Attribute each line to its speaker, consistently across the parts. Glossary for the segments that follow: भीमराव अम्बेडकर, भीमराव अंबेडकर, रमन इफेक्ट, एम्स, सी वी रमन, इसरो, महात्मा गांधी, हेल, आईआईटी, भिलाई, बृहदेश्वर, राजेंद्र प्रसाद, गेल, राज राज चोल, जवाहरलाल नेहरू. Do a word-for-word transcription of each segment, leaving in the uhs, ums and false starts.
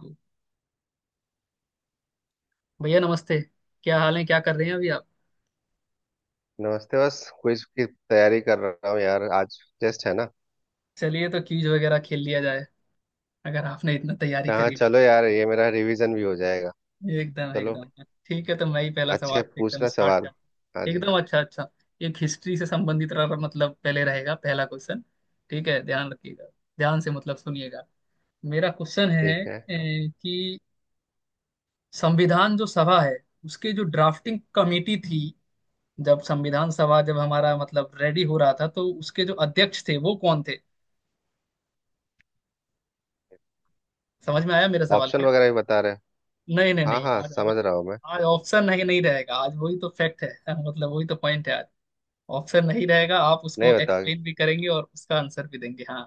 Speaker 1: गो। भैया नमस्ते। क्या हाल है, क्या कर रहे हैं अभी आप?
Speaker 2: नमस्ते। बस क्विज की तैयारी कर रहा हूँ यार, आज टेस्ट है ना।
Speaker 1: चलिए तो क्यूज वगैरह खेल लिया जाए, अगर आपने इतना तैयारी
Speaker 2: हाँ
Speaker 1: करी है।
Speaker 2: चलो यार, ये मेरा रिवीजन भी हो जाएगा।
Speaker 1: एकदम
Speaker 2: चलो,
Speaker 1: एकदम ठीक है, तो मैं ही पहला
Speaker 2: अच्छे
Speaker 1: सवाल एकदम
Speaker 2: पूछना
Speaker 1: स्टार्ट
Speaker 2: सवाल।
Speaker 1: कर,
Speaker 2: हाँ जी।
Speaker 1: एकदम अच्छा अच्छा। एक हिस्ट्री से संबंधित रह- मतलब पहले रहेगा पहला क्वेश्चन। ठीक है, ध्यान रखिएगा। ध्यान से मतलब सुनिएगा। मेरा क्वेश्चन
Speaker 2: ठीक
Speaker 1: है अ,
Speaker 2: है।
Speaker 1: कि संविधान जो सभा है, उसके जो ड्राफ्टिंग कमेटी थी, जब संविधान सभा जब हमारा मतलब रेडी हो रहा था, तो उसके जो अध्यक्ष थे वो कौन थे? समझ में आया मेरा सवाल
Speaker 2: ऑप्शन
Speaker 1: क्या?
Speaker 2: वगैरह भी बता रहे हैं?
Speaker 1: नहीं नहीं
Speaker 2: हाँ
Speaker 1: नहीं
Speaker 2: हाँ,
Speaker 1: आज।
Speaker 2: समझ रहा हूँ मैं।
Speaker 1: आज ऑप्शन नहीं नहीं रहेगा, आज वही तो फैक्ट है मतलब वही तो पॉइंट है आज। ऑप्शन नहीं रहेगा, आप
Speaker 2: नहीं
Speaker 1: उसको
Speaker 2: बता, अच्छा।
Speaker 1: एक्सप्लेन भी करेंगे और उसका आंसर भी देंगे। हाँ,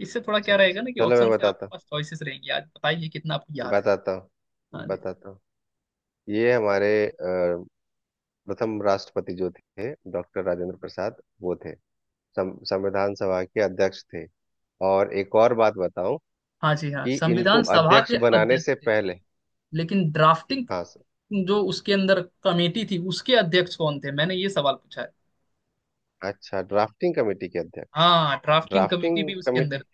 Speaker 1: इससे थोड़ा क्या रहेगा ना कि
Speaker 2: चलो, मैं
Speaker 1: ऑप्शन से आपके
Speaker 2: बताता
Speaker 1: पास चॉइसेस रहेंगी। आज बताइए कितना आपको
Speaker 2: हूँ
Speaker 1: याद है।
Speaker 2: बताता
Speaker 1: हाँ
Speaker 2: हूँ
Speaker 1: जी।
Speaker 2: बताता हूँ ये हमारे अ, प्रथम राष्ट्रपति जो थे, डॉक्टर राजेंद्र प्रसाद, वो थे सं- संविधान सभा के अध्यक्ष थे। और एक और बात बताऊं
Speaker 1: हाँ जी, हाँ
Speaker 2: कि इनको
Speaker 1: संविधान सभा
Speaker 2: अध्यक्ष
Speaker 1: के
Speaker 2: बनाने
Speaker 1: अध्यक्ष
Speaker 2: से
Speaker 1: थे,
Speaker 2: पहले,
Speaker 1: लेकिन ड्राफ्टिंग
Speaker 2: हाँ।
Speaker 1: जो उसके अंदर कमेटी थी उसके अध्यक्ष कौन थे, मैंने ये सवाल पूछा है।
Speaker 2: अच्छा, ड्राफ्टिंग कमेटी के अध्यक्ष,
Speaker 1: हाँ ड्राफ्टिंग
Speaker 2: ड्राफ्टिंग
Speaker 1: कमेटी भी उसके अंदर।
Speaker 2: कमेटी,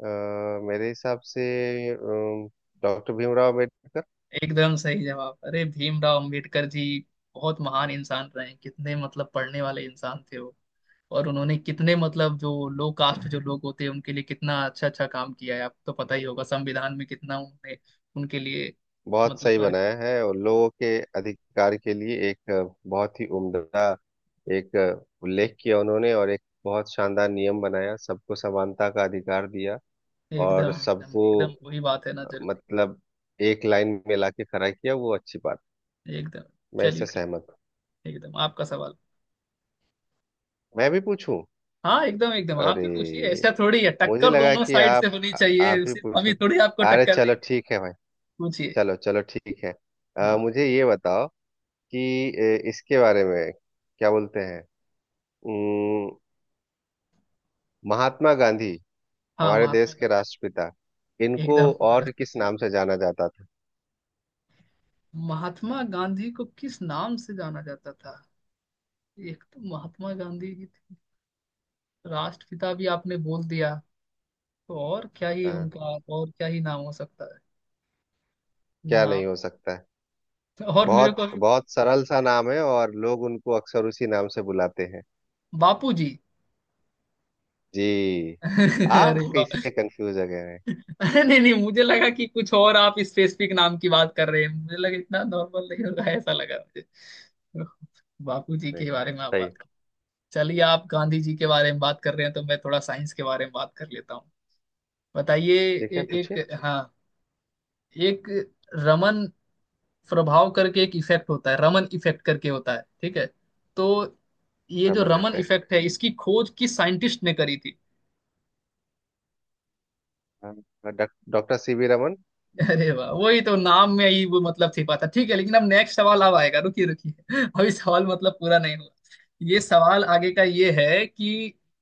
Speaker 2: अ, मेरे हिसाब से डॉक्टर भीमराव अम्बेडकर।
Speaker 1: एकदम सही जवाब। अरे भीमराव अंबेडकर जी बहुत महान इंसान रहे हैं, कितने मतलब पढ़ने वाले इंसान थे वो। और उन्होंने कितने मतलब जो लो कास्ट जो लोग होते हैं उनके लिए कितना अच्छा अच्छा काम किया है, आपको तो पता ही होगा, संविधान में कितना उन्होंने उनके लिए
Speaker 2: बहुत सही
Speaker 1: मतलब वर्क
Speaker 2: बनाया
Speaker 1: किया।
Speaker 2: है और लोगों के अधिकार के लिए एक अ, बहुत ही उम्दा, एक अ, उल्लेख किया उन्होंने। और एक बहुत शानदार नियम बनाया, सबको समानता का अधिकार दिया
Speaker 1: एकदम
Speaker 2: और
Speaker 1: एकदम
Speaker 2: सबको
Speaker 1: एकदम वही बात है ना
Speaker 2: अ,
Speaker 1: जरूरी।
Speaker 2: मतलब एक लाइन में लाके खड़ा किया। वो अच्छी बात,
Speaker 1: एकदम
Speaker 2: मैं
Speaker 1: चलिए
Speaker 2: इससे
Speaker 1: ठीक।
Speaker 2: सहमत हूँ।
Speaker 1: एकदम आपका सवाल।
Speaker 2: मैं भी पूछूं?
Speaker 1: हाँ एकदम एकदम आप
Speaker 2: अरे,
Speaker 1: भी पूछिए, ऐसा थोड़ी है,
Speaker 2: मुझे
Speaker 1: टक्कर
Speaker 2: लगा
Speaker 1: दोनों
Speaker 2: कि
Speaker 1: साइड से
Speaker 2: आप,
Speaker 1: होनी
Speaker 2: आ- आप
Speaker 1: चाहिए,
Speaker 2: ही
Speaker 1: सिर्फ हम
Speaker 2: पूछो।
Speaker 1: ही थोड़ी आपको
Speaker 2: अरे
Speaker 1: टक्कर
Speaker 2: चलो
Speaker 1: देंगे।
Speaker 2: ठीक है भाई।
Speaker 1: पूछिए।
Speaker 2: चलो चलो, ठीक है। अ,
Speaker 1: हाँ
Speaker 2: मुझे ये बताओ कि ए, इसके बारे में क्या बोलते हैं, उम्म, महात्मा गांधी,
Speaker 1: हाँ
Speaker 2: हमारे
Speaker 1: महात्मा
Speaker 2: देश के
Speaker 1: गांधी।
Speaker 2: राष्ट्रपिता, इनको
Speaker 1: एकदम
Speaker 2: और किस
Speaker 1: राष्ट्रपति राज।
Speaker 2: नाम से जाना जाता था?
Speaker 1: महात्मा गांधी को किस नाम से जाना जाता था? एक तो महात्मा गांधी जी थे, राष्ट्रपिता भी आपने बोल दिया, तो और क्या ही
Speaker 2: हाँ,
Speaker 1: उनका, और क्या ही नाम हो सकता है?
Speaker 2: क्या नहीं
Speaker 1: नाम।
Speaker 2: हो सकता है।
Speaker 1: तो और मेरे को
Speaker 2: बहुत
Speaker 1: अभी।
Speaker 2: बहुत सरल सा नाम है और लोग उनको अक्सर उसी नाम से बुलाते हैं।
Speaker 1: बापू जी।
Speaker 2: जी।
Speaker 1: अरे
Speaker 2: आप
Speaker 1: वाह।
Speaker 2: कैसे कंफ्यूज हो गए हैं
Speaker 1: अरे नहीं नहीं, मुझे लगा कि कुछ और आप स्पेसिफिक नाम की बात कर रहे हैं, मुझे लगा इतना नॉर्मल नहीं होगा, ऐसा लगा मुझे। बापू जी
Speaker 2: इसमें?
Speaker 1: के बारे में आप
Speaker 2: सही।
Speaker 1: बात कर। चलिए आप गांधी जी के बारे में बात कर रहे हैं, तो मैं थोड़ा साइंस के बारे में बात कर लेता हूँ। बताइए।
Speaker 2: ठीक है,
Speaker 1: ए,
Speaker 2: पूछिए।
Speaker 1: एक हाँ, एक रमन प्रभाव करके एक इफेक्ट होता है, रमन इफेक्ट करके होता है, ठीक है? तो ये जो
Speaker 2: सामान्य।
Speaker 1: रमन इफेक्ट है, इसकी खोज किस साइंटिस्ट ने करी थी?
Speaker 2: हाँ, डॉक- डॉक्टर सी वी रमन।
Speaker 1: अरे वाह, वही तो नाम में ही वो मतलब छिपा था। ठीक है, लेकिन अब नेक्स्ट सवाल अब आएगा, रुकिए रुकिए, अभी सवाल मतलब पूरा नहीं हुआ। ये सवाल आगे का ये है कि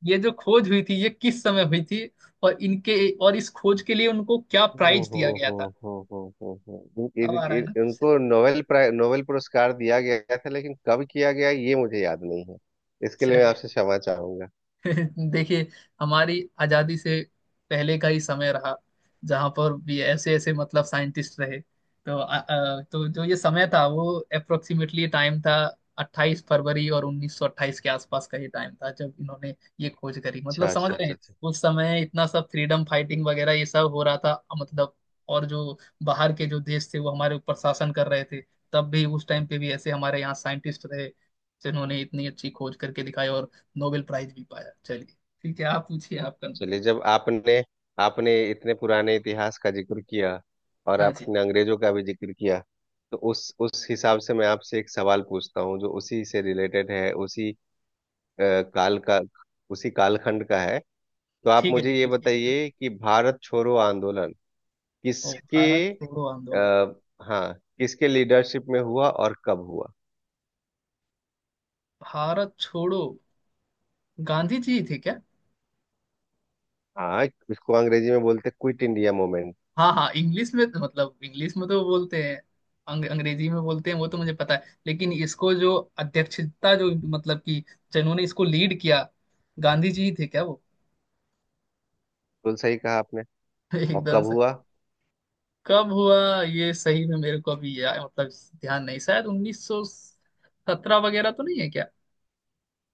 Speaker 1: ये जो खोज हुई थी ये किस समय हुई थी, और इनके, और इस खोज के लिए उनको क्या
Speaker 2: हो
Speaker 1: प्राइज
Speaker 2: हो
Speaker 1: दिया गया
Speaker 2: हो
Speaker 1: था?
Speaker 2: हो हो हो हो इन, इन,
Speaker 1: अब आ रहा है
Speaker 2: इन,
Speaker 1: ना।
Speaker 2: इनको नोबेल प्राइ नोबेल पुरस्कार दिया गया था, लेकिन कब किया गया ये मुझे याद नहीं है। इसके लिए मैं
Speaker 1: चलिए,
Speaker 2: आपसे क्षमा चाहूंगा।
Speaker 1: देखिए, हमारी आजादी से पहले का ही समय रहा, जहां पर भी ऐसे ऐसे मतलब साइंटिस्ट रहे। तो अ, अ, तो जो ये समय था वो अप्रोक्सीमेटली टाइम था, अट्ठाईस फरवरी और उन्नीस सौ अट्ठाईस के आसपास का ये टाइम था जब इन्होंने ये खोज करी, मतलब
Speaker 2: अच्छा
Speaker 1: समझ
Speaker 2: अच्छा
Speaker 1: रहे हैं।
Speaker 2: अच्छा अच्छा।
Speaker 1: उस समय इतना सब फ्रीडम फाइटिंग वगैरह ये सब हो रहा था, मतलब और जो बाहर के जो देश थे वो हमारे ऊपर शासन कर रहे थे। तब भी उस टाइम पे भी ऐसे हमारे यहाँ साइंटिस्ट रहे जिन्होंने इतनी अच्छी खोज करके दिखाई और नोबेल प्राइज भी पाया। चलिए ठीक है, आप पूछिए, आपका
Speaker 2: चलिए,
Speaker 1: नंबर।
Speaker 2: जब आपने आपने इतने पुराने इतिहास का जिक्र किया और
Speaker 1: हाँ जी।
Speaker 2: आपने अंग्रेजों का भी जिक्र किया, तो उस उस हिसाब से मैं आपसे एक सवाल पूछता हूँ जो उसी से रिलेटेड है, उसी अ, काल का, उसी कालखंड का है। तो आप
Speaker 1: ठीक है जी,
Speaker 2: मुझे ये
Speaker 1: पूछिए एकदम।
Speaker 2: बताइए कि भारत छोड़ो आंदोलन
Speaker 1: ओ
Speaker 2: किसके,
Speaker 1: भारत छोड़ो आंदोलन।
Speaker 2: आ, हाँ, किसके लीडरशिप में हुआ और कब हुआ?
Speaker 1: भारत छोड़ो गांधी जी थे क्या?
Speaker 2: हाँ। इसको अंग्रेजी में बोलते, क्विट इंडिया मूवमेंट।
Speaker 1: हाँ हाँ, इंग्लिश में तो, मतलब इंग्लिश में तो बोलते हैं। अंग, अंग्रेजी में बोलते हैं, वो तो मुझे पता है, लेकिन इसको जो अध्यक्षता जो, मतलब कि जिन्होंने इसको लीड किया, गांधी जी ही थे क्या वो?
Speaker 2: बिल्कुल सही कहा आपने। और
Speaker 1: एकदम
Speaker 2: कब
Speaker 1: से।
Speaker 2: हुआ?
Speaker 1: कब हुआ ये सही में मेरे को अभी या, मतलब ध्यान नहीं। शायद उन्नीस सौ सत्रह वगैरह तो नहीं है क्या?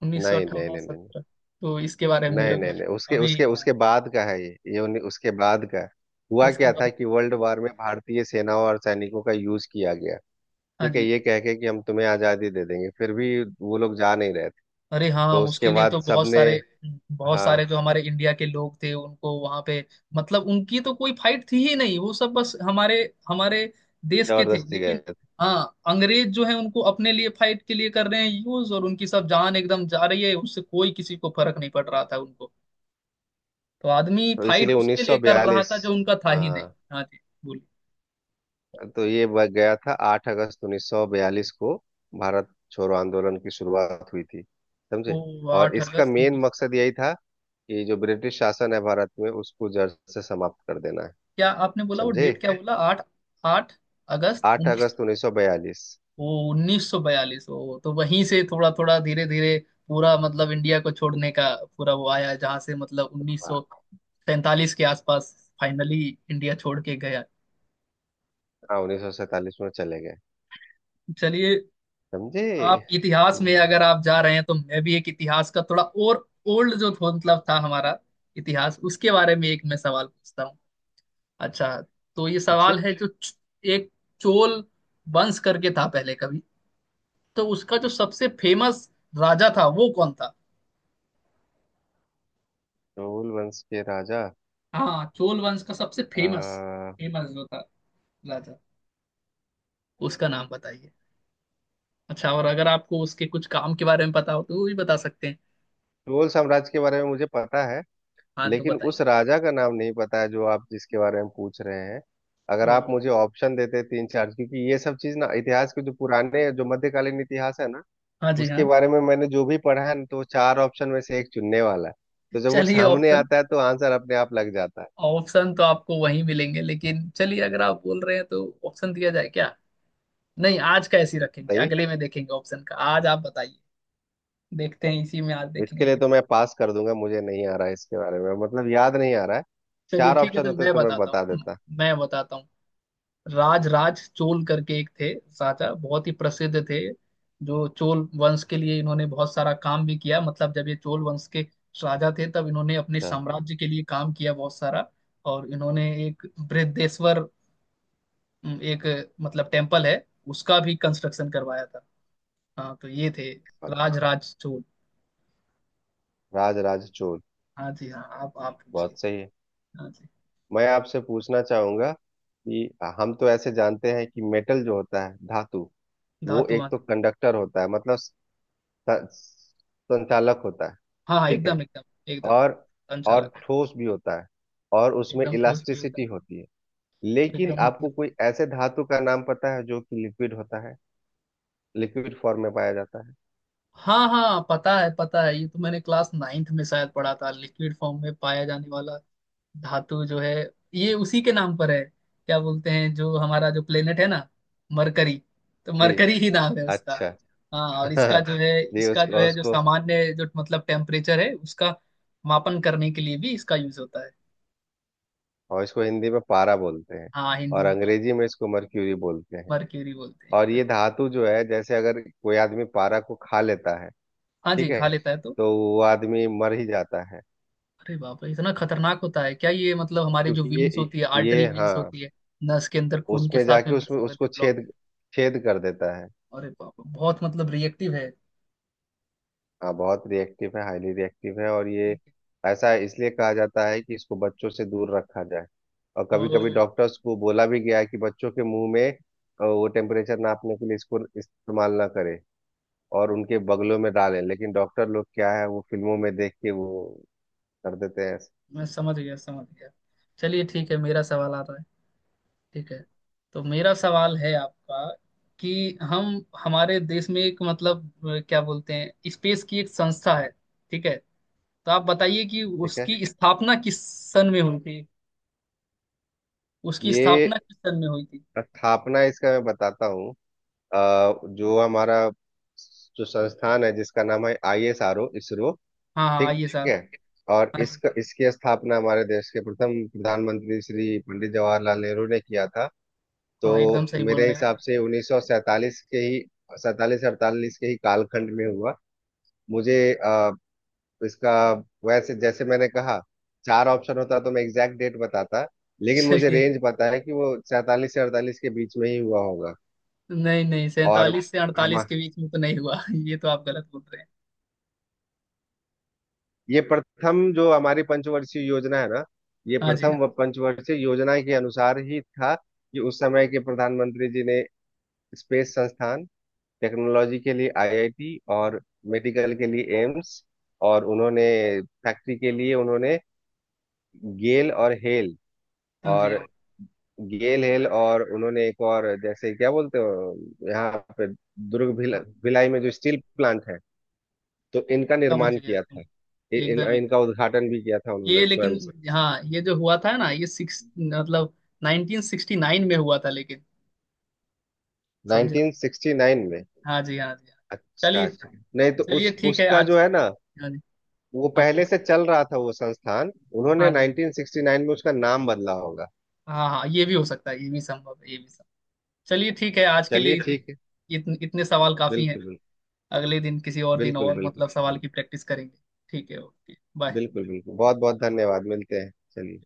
Speaker 1: उन्नीस सौ
Speaker 2: नहीं नहीं
Speaker 1: अट्ठावन
Speaker 2: नहीं नहीं
Speaker 1: सत्रह, तो इसके बारे में
Speaker 2: नहीं
Speaker 1: मेरे को
Speaker 2: नहीं नहीं, उसके
Speaker 1: अभी
Speaker 2: उसके
Speaker 1: ध्यान-
Speaker 2: उसके बाद का है, ये ये उन्नी- उसके बाद का है। हुआ
Speaker 1: उसके
Speaker 2: क्या था
Speaker 1: बाद।
Speaker 2: कि वर्ल्ड वार में भारतीय सेनाओं और सैनिकों का यूज किया गया।
Speaker 1: हाँ
Speaker 2: ठीक है,
Speaker 1: जी।
Speaker 2: ये कह के कि हम तुम्हें आजादी दे देंगे, फिर भी वो लोग जा नहीं रहे थे।
Speaker 1: अरे हाँ
Speaker 2: तो उसके
Speaker 1: उसके लिए
Speaker 2: बाद
Speaker 1: तो बहुत
Speaker 2: सबने,
Speaker 1: सारे, बहुत सारे
Speaker 2: हाँ,
Speaker 1: जो हमारे इंडिया के लोग थे उनको वहां पे, मतलब उनकी तो कोई फाइट थी ही नहीं, वो सब बस हमारे हमारे देश के थे
Speaker 2: जबरदस्ती गए।
Speaker 1: लेकिन। हाँ, अंग्रेज जो है उनको अपने लिए फाइट के लिए कर रहे हैं यूज, और उनकी सब जान एकदम जा रही है, उससे कोई किसी को फर्क नहीं पड़ रहा था उनको। तो आदमी
Speaker 2: तो
Speaker 1: फाइट
Speaker 2: इसीलिए
Speaker 1: उसके लिए कर रहा
Speaker 2: उन्नीस सौ बयालीस।
Speaker 1: था जो उनका था ही नहीं।
Speaker 2: हाँ।
Speaker 1: हाँ जी, बोलिए।
Speaker 2: तो ये ब- गया था, आठ अगस्त उन्नीस सौ बयालीस को भारत छोड़ो आंदोलन की शुरुआत हुई थी। समझे?
Speaker 1: तो
Speaker 2: और
Speaker 1: आठ
Speaker 2: इसका
Speaker 1: अगस्त
Speaker 2: मेन
Speaker 1: उन्नीस
Speaker 2: मकसद यही था कि जो ब्रिटिश शासन है भारत में उसको जड़ से समाप्त कर देना है।
Speaker 1: क्या आपने बोला, वो
Speaker 2: समझे?
Speaker 1: डेट क्या बोला? आठ? आठ अगस्त
Speaker 2: आठ
Speaker 1: उन्नीस
Speaker 2: अगस्त उन्नीस सौ बयालीस।
Speaker 1: सौ उन्नीस सौ बयालीस। ओ तो वहीं से थोड़ा थोड़ा धीरे धीरे पूरा मतलब इंडिया को छोड़ने का पूरा वो आया, जहाँ से मतलब उन्नीस सौ
Speaker 2: हाँ,
Speaker 1: सैंतालीस के आसपास फाइनली इंडिया छोड़ के गया।
Speaker 2: हाँ, उन्नीस सौ सैंतालीस में चले गए।
Speaker 1: चलिए,
Speaker 2: समझे?
Speaker 1: आप इतिहास में
Speaker 2: हम्म,
Speaker 1: अगर आप जा रहे हैं तो मैं भी एक इतिहास का थोड़ा और ओल्ड जो थो- मतलब था हमारा इतिहास, उसके बारे में एक मैं सवाल पूछता हूँ। अच्छा, तो ये
Speaker 2: पूछिए।
Speaker 1: सवाल है जो च- एक चोल वंश करके था पहले कभी, तो उसका जो सबसे फेमस राजा था वो कौन था?
Speaker 2: चोल वंश के राजा,
Speaker 1: हाँ चोल वंश का सबसे फेमस
Speaker 2: अ,
Speaker 1: फेमस जो था राजा, उसका नाम बताइए। अच्छा, और अगर आपको उसके कुछ काम के बारे में पता हो तो वो भी बता सकते हैं।
Speaker 2: चोल साम्राज्य के बारे में मुझे पता है,
Speaker 1: हाँ तो
Speaker 2: लेकिन उस
Speaker 1: बताइए।
Speaker 2: राजा का नाम नहीं पता है जो आप जिसके बारे में पूछ रहे हैं। अगर
Speaker 1: ओ
Speaker 2: आप मुझे ऑप्शन देते तीन चार, क्योंकि ये सब चीज ना, इतिहास के जो पुराने, जो मध्यकालीन इतिहास है ना,
Speaker 1: हाँ जी
Speaker 2: उसके
Speaker 1: हाँ।
Speaker 2: बारे में मैंने जो भी पढ़ा है ना, तो वो चार ऑप्शन में से एक चुनने वाला है। तो जब वो
Speaker 1: चलिए
Speaker 2: सामने
Speaker 1: ऑप्शन
Speaker 2: आता है तो आंसर अपने आप लग जाता है।
Speaker 1: ऑप्शन तो आपको वहीं मिलेंगे, लेकिन चलिए अगर आप बोल रहे हैं तो ऑप्शन दिया जाए क्या? नहीं, आज का ऐसे ही रखेंगे,
Speaker 2: बताइए।
Speaker 1: अगले में देखेंगे ऑप्शन का। आज आप बताइए, देखते हैं इसी में आज
Speaker 2: इसके
Speaker 1: देखेंगे
Speaker 2: लिए
Speaker 1: कि।
Speaker 2: तो मैं पास कर दूंगा, मुझे नहीं आ रहा है, इसके बारे में मतलब याद नहीं आ रहा है।
Speaker 1: चलिए
Speaker 2: चार
Speaker 1: ठीक है,
Speaker 2: ऑप्शन
Speaker 1: तो
Speaker 2: होते
Speaker 1: मैं
Speaker 2: तो मैं
Speaker 1: बताता
Speaker 2: बता
Speaker 1: हूँ
Speaker 2: देता।
Speaker 1: मैं बताता हूँ राज राज चोल करके एक थे, राजा बहुत ही प्रसिद्ध थे, जो चोल वंश के लिए इन्होंने बहुत सारा काम भी किया, मतलब जब ये चोल वंश के राजा थे तब इन्होंने अपने
Speaker 2: अच्छा,
Speaker 1: साम्राज्य के लिए काम किया बहुत सारा। और इन्होंने एक बृहदेश्वर अम, एक मतलब टेम्पल है, उसका भी कंस्ट्रक्शन करवाया था। हाँ तो ये थे राज राज चोल।
Speaker 2: राज राज चोल।
Speaker 1: हाँ जी हाँ, आप आप पूछिए।
Speaker 2: बहुत सही है।
Speaker 1: हाँ जी।
Speaker 2: मैं आपसे पूछना चाहूंगा कि हम तो ऐसे जानते हैं कि मेटल जो होता है, धातु, वो
Speaker 1: धातु, हाँ
Speaker 2: एक
Speaker 1: जी।
Speaker 2: तो कंडक्टर होता है, मतलब स- संचालक होता है।
Speaker 1: हाँ हाँ
Speaker 2: ठीक है।
Speaker 1: एकदम एकदम। एकदम
Speaker 2: और और
Speaker 1: संचालक।
Speaker 2: ठोस भी होता है, और उसमें
Speaker 1: एकदम ठोस भी
Speaker 2: इलास्टिसिटी
Speaker 1: होता
Speaker 2: होती है।
Speaker 1: है।
Speaker 2: लेकिन
Speaker 1: एकदम होती
Speaker 2: आपको
Speaker 1: है।
Speaker 2: कोई ऐसे धातु का नाम पता है जो कि लिक्विड होता है, लिक्विड फॉर्म में पाया जाता है?
Speaker 1: हाँ हाँ पता है पता है, ये तो मैंने क्लास नाइन्थ में शायद पढ़ा था, लिक्विड फॉर्म में पाया जाने वाला धातु जो है ये उसी के नाम पर है, क्या बोलते हैं जो हमारा जो प्लेनेट है ना, मरकरी, तो
Speaker 2: जी।
Speaker 1: मरकरी ही नाम है उसका।
Speaker 2: अच्छा।
Speaker 1: हाँ, और इसका जो है
Speaker 2: जी,
Speaker 1: इसका जो
Speaker 2: उसको
Speaker 1: है जो
Speaker 2: उसको
Speaker 1: सामान्य जो मतलब टेम्परेचर है उसका मापन करने के लिए भी इसका यूज होता है।
Speaker 2: और इसको हिंदी में पारा बोलते हैं,
Speaker 1: हाँ हिंदी
Speaker 2: और
Speaker 1: में।
Speaker 2: अंग्रेजी में इसको मर्क्यूरी बोलते हैं।
Speaker 1: मरक्यूरी बोलते हैं
Speaker 2: और
Speaker 1: एकदम।
Speaker 2: ये धातु जो है, जैसे अगर कोई आदमी पारा को खा लेता है,
Speaker 1: हाँ
Speaker 2: ठीक
Speaker 1: जी,
Speaker 2: है,
Speaker 1: खा लेता है तो।
Speaker 2: तो वो आदमी मर ही जाता है।
Speaker 1: अरे बाप रे, इतना खतरनाक होता है क्या ये? मतलब हमारी जो
Speaker 2: क्योंकि
Speaker 1: वीन्स
Speaker 2: ये,
Speaker 1: होती है, आर्टरी
Speaker 2: ये
Speaker 1: वीन्स
Speaker 2: हाँ,
Speaker 1: होती है, नस के अंदर खून के
Speaker 2: उसमें
Speaker 1: साथ में
Speaker 2: जाके,
Speaker 1: मिक्स
Speaker 2: उसमें
Speaker 1: होकर के
Speaker 2: उसको
Speaker 1: ब्लॉक।
Speaker 2: छेद, छेद कर देता है।
Speaker 1: अरे बाप रे, बहुत मतलब रिएक्टिव है।
Speaker 2: हाँ बहुत रिएक्टिव है, हाईली रिएक्टिव है। और ये
Speaker 1: ठीक है।
Speaker 2: ऐसा इसलिए कहा जाता है कि इसको बच्चों से दूर रखा जाए। और
Speaker 1: ओ,
Speaker 2: कभी कभी डॉक्टर्स को बोला भी गया है कि बच्चों के मुंह में अ, वो टेम्परेचर नापने के लिए इसको इस्तेमाल ना करें, और उनके बगलों में डालें। लेकिन डॉक्टर लोग क्या है, वो फिल्मों में देख के वो कर देते हैं ऐसे।
Speaker 1: मैं समझ गया समझ गया। चलिए ठीक है, मेरा सवाल आ रहा है, ठीक है, तो मेरा सवाल है आपका कि हम, हमारे देश में एक मतलब अ, क्या बोलते हैं, स्पेस की एक संस्था है, ठीक है? तो आप बताइए कि
Speaker 2: ठीक है।
Speaker 1: उसकी स्थापना किस सन में हुई थी? उसकी स्थापना
Speaker 2: ये
Speaker 1: किस सन में हुई थी?
Speaker 2: स्थापना, इसका मैं बताता हूँ। अ, जो हमारा जो संस्थान है जिसका नाम है I S R O, इसरो।
Speaker 1: हाँ हाँ
Speaker 2: ठीक
Speaker 1: आइए सर।
Speaker 2: है। और
Speaker 1: हाँ जी
Speaker 2: इसका इसकी स्थापना हमारे देश के प्रथम प्रधानमंत्री श्री पंडित जवाहरलाल नेहरू ने किया था। तो
Speaker 1: हाँ, एकदम सही बोल
Speaker 2: मेरे
Speaker 1: रहे हैं आप।
Speaker 2: हिसाब से उन्नीस सौ सैंतालीस के ही, सैतालीस अड़तालीस के ही कालखंड में हुआ मुझे। अ, तो इसका, वैसे, जैसे मैंने कहा, चार ऑप्शन होता तो मैं एग्जैक्ट डेट बताता, लेकिन मुझे
Speaker 1: चलिए,
Speaker 2: रेंज पता है कि वो सैतालीस से अड़तालीस के बीच में ही हुआ होगा।
Speaker 1: नहीं नहीं,
Speaker 2: और
Speaker 1: सैंतालीस से
Speaker 2: हम,
Speaker 1: अड़तालीस के बीच में तो नहीं हुआ, ये तो आप गलत बोल रहे हैं।
Speaker 2: ये प्रथम जो हमारी पंचवर्षीय योजना है ना, ये
Speaker 1: हाँ जी
Speaker 2: प्रथम
Speaker 1: हाँ।
Speaker 2: व- पंचवर्षीय योजना के अनुसार ही था कि उस समय के प्रधानमंत्री जी ने स्पेस संस्थान, टेक्नोलॉजी के लिए आईआईटी, और मेडिकल के लिए एम्स, और उन्होंने फैक्ट्री के लिए उन्होंने गेल और हेल,
Speaker 1: हाँ जी
Speaker 2: और
Speaker 1: हाँ।
Speaker 2: गेल हेल और उन्होंने एक और, जैसे क्या बोलते हो यहाँ पे, दुर्ग भिला, भिलाई में जो स्टील प्लांट है, तो इनका
Speaker 1: समझ
Speaker 2: निर्माण
Speaker 1: गया
Speaker 2: किया
Speaker 1: समझ
Speaker 2: था। इ,
Speaker 1: गया।
Speaker 2: इन,
Speaker 1: एकदम एकदम।
Speaker 2: इनका उद्घाटन भी किया था
Speaker 1: ये
Speaker 2: उन्होंने
Speaker 1: लेकिन
Speaker 2: स्वयं से।
Speaker 1: हाँ, ये जो हुआ था ना ये सिक्स मतलब नाइंटीन सिक्सटी नाइन में हुआ था लेकिन। समझे।
Speaker 2: उन्नीस सौ उनहत्तर में।
Speaker 1: हाँ जी हाँ जी हाँ।
Speaker 2: अच्छा
Speaker 1: चलिए।
Speaker 2: अच्छा। नहीं, तो
Speaker 1: चलिए
Speaker 2: उस,
Speaker 1: ठीक है
Speaker 2: उसका
Speaker 1: आज।
Speaker 2: जो है ना,
Speaker 1: हाँ जी।
Speaker 2: वो
Speaker 1: हाँ
Speaker 2: पहले
Speaker 1: बोलिए।
Speaker 2: से चल रहा था वो संस्थान।
Speaker 1: हाँ
Speaker 2: उन्होंने
Speaker 1: जी।
Speaker 2: नाइन्टीन सिक्सटी नाइन में उसका नाम बदला होगा।
Speaker 1: हाँ हाँ हाँ, ये भी हो सकता है, ये भी संभव है, ये भी संभव। चलिए ठीक है, आज के
Speaker 2: चलिए
Speaker 1: लिए इत,
Speaker 2: ठीक है।
Speaker 1: इतने इतने सवाल काफी हैं।
Speaker 2: बिल्कुल
Speaker 1: अगले दिन किसी और दिन
Speaker 2: बिल्कुल
Speaker 1: और
Speaker 2: बिल्कुल
Speaker 1: मतलब
Speaker 2: बिल्कुल
Speaker 1: सवाल
Speaker 2: बिल्कुल
Speaker 1: की प्रैक्टिस करेंगे। ठीक है, ओके बाय।
Speaker 2: बिल्कुल बिल्कुल, बहुत बहुत धन्यवाद, मिलते हैं। चलिए।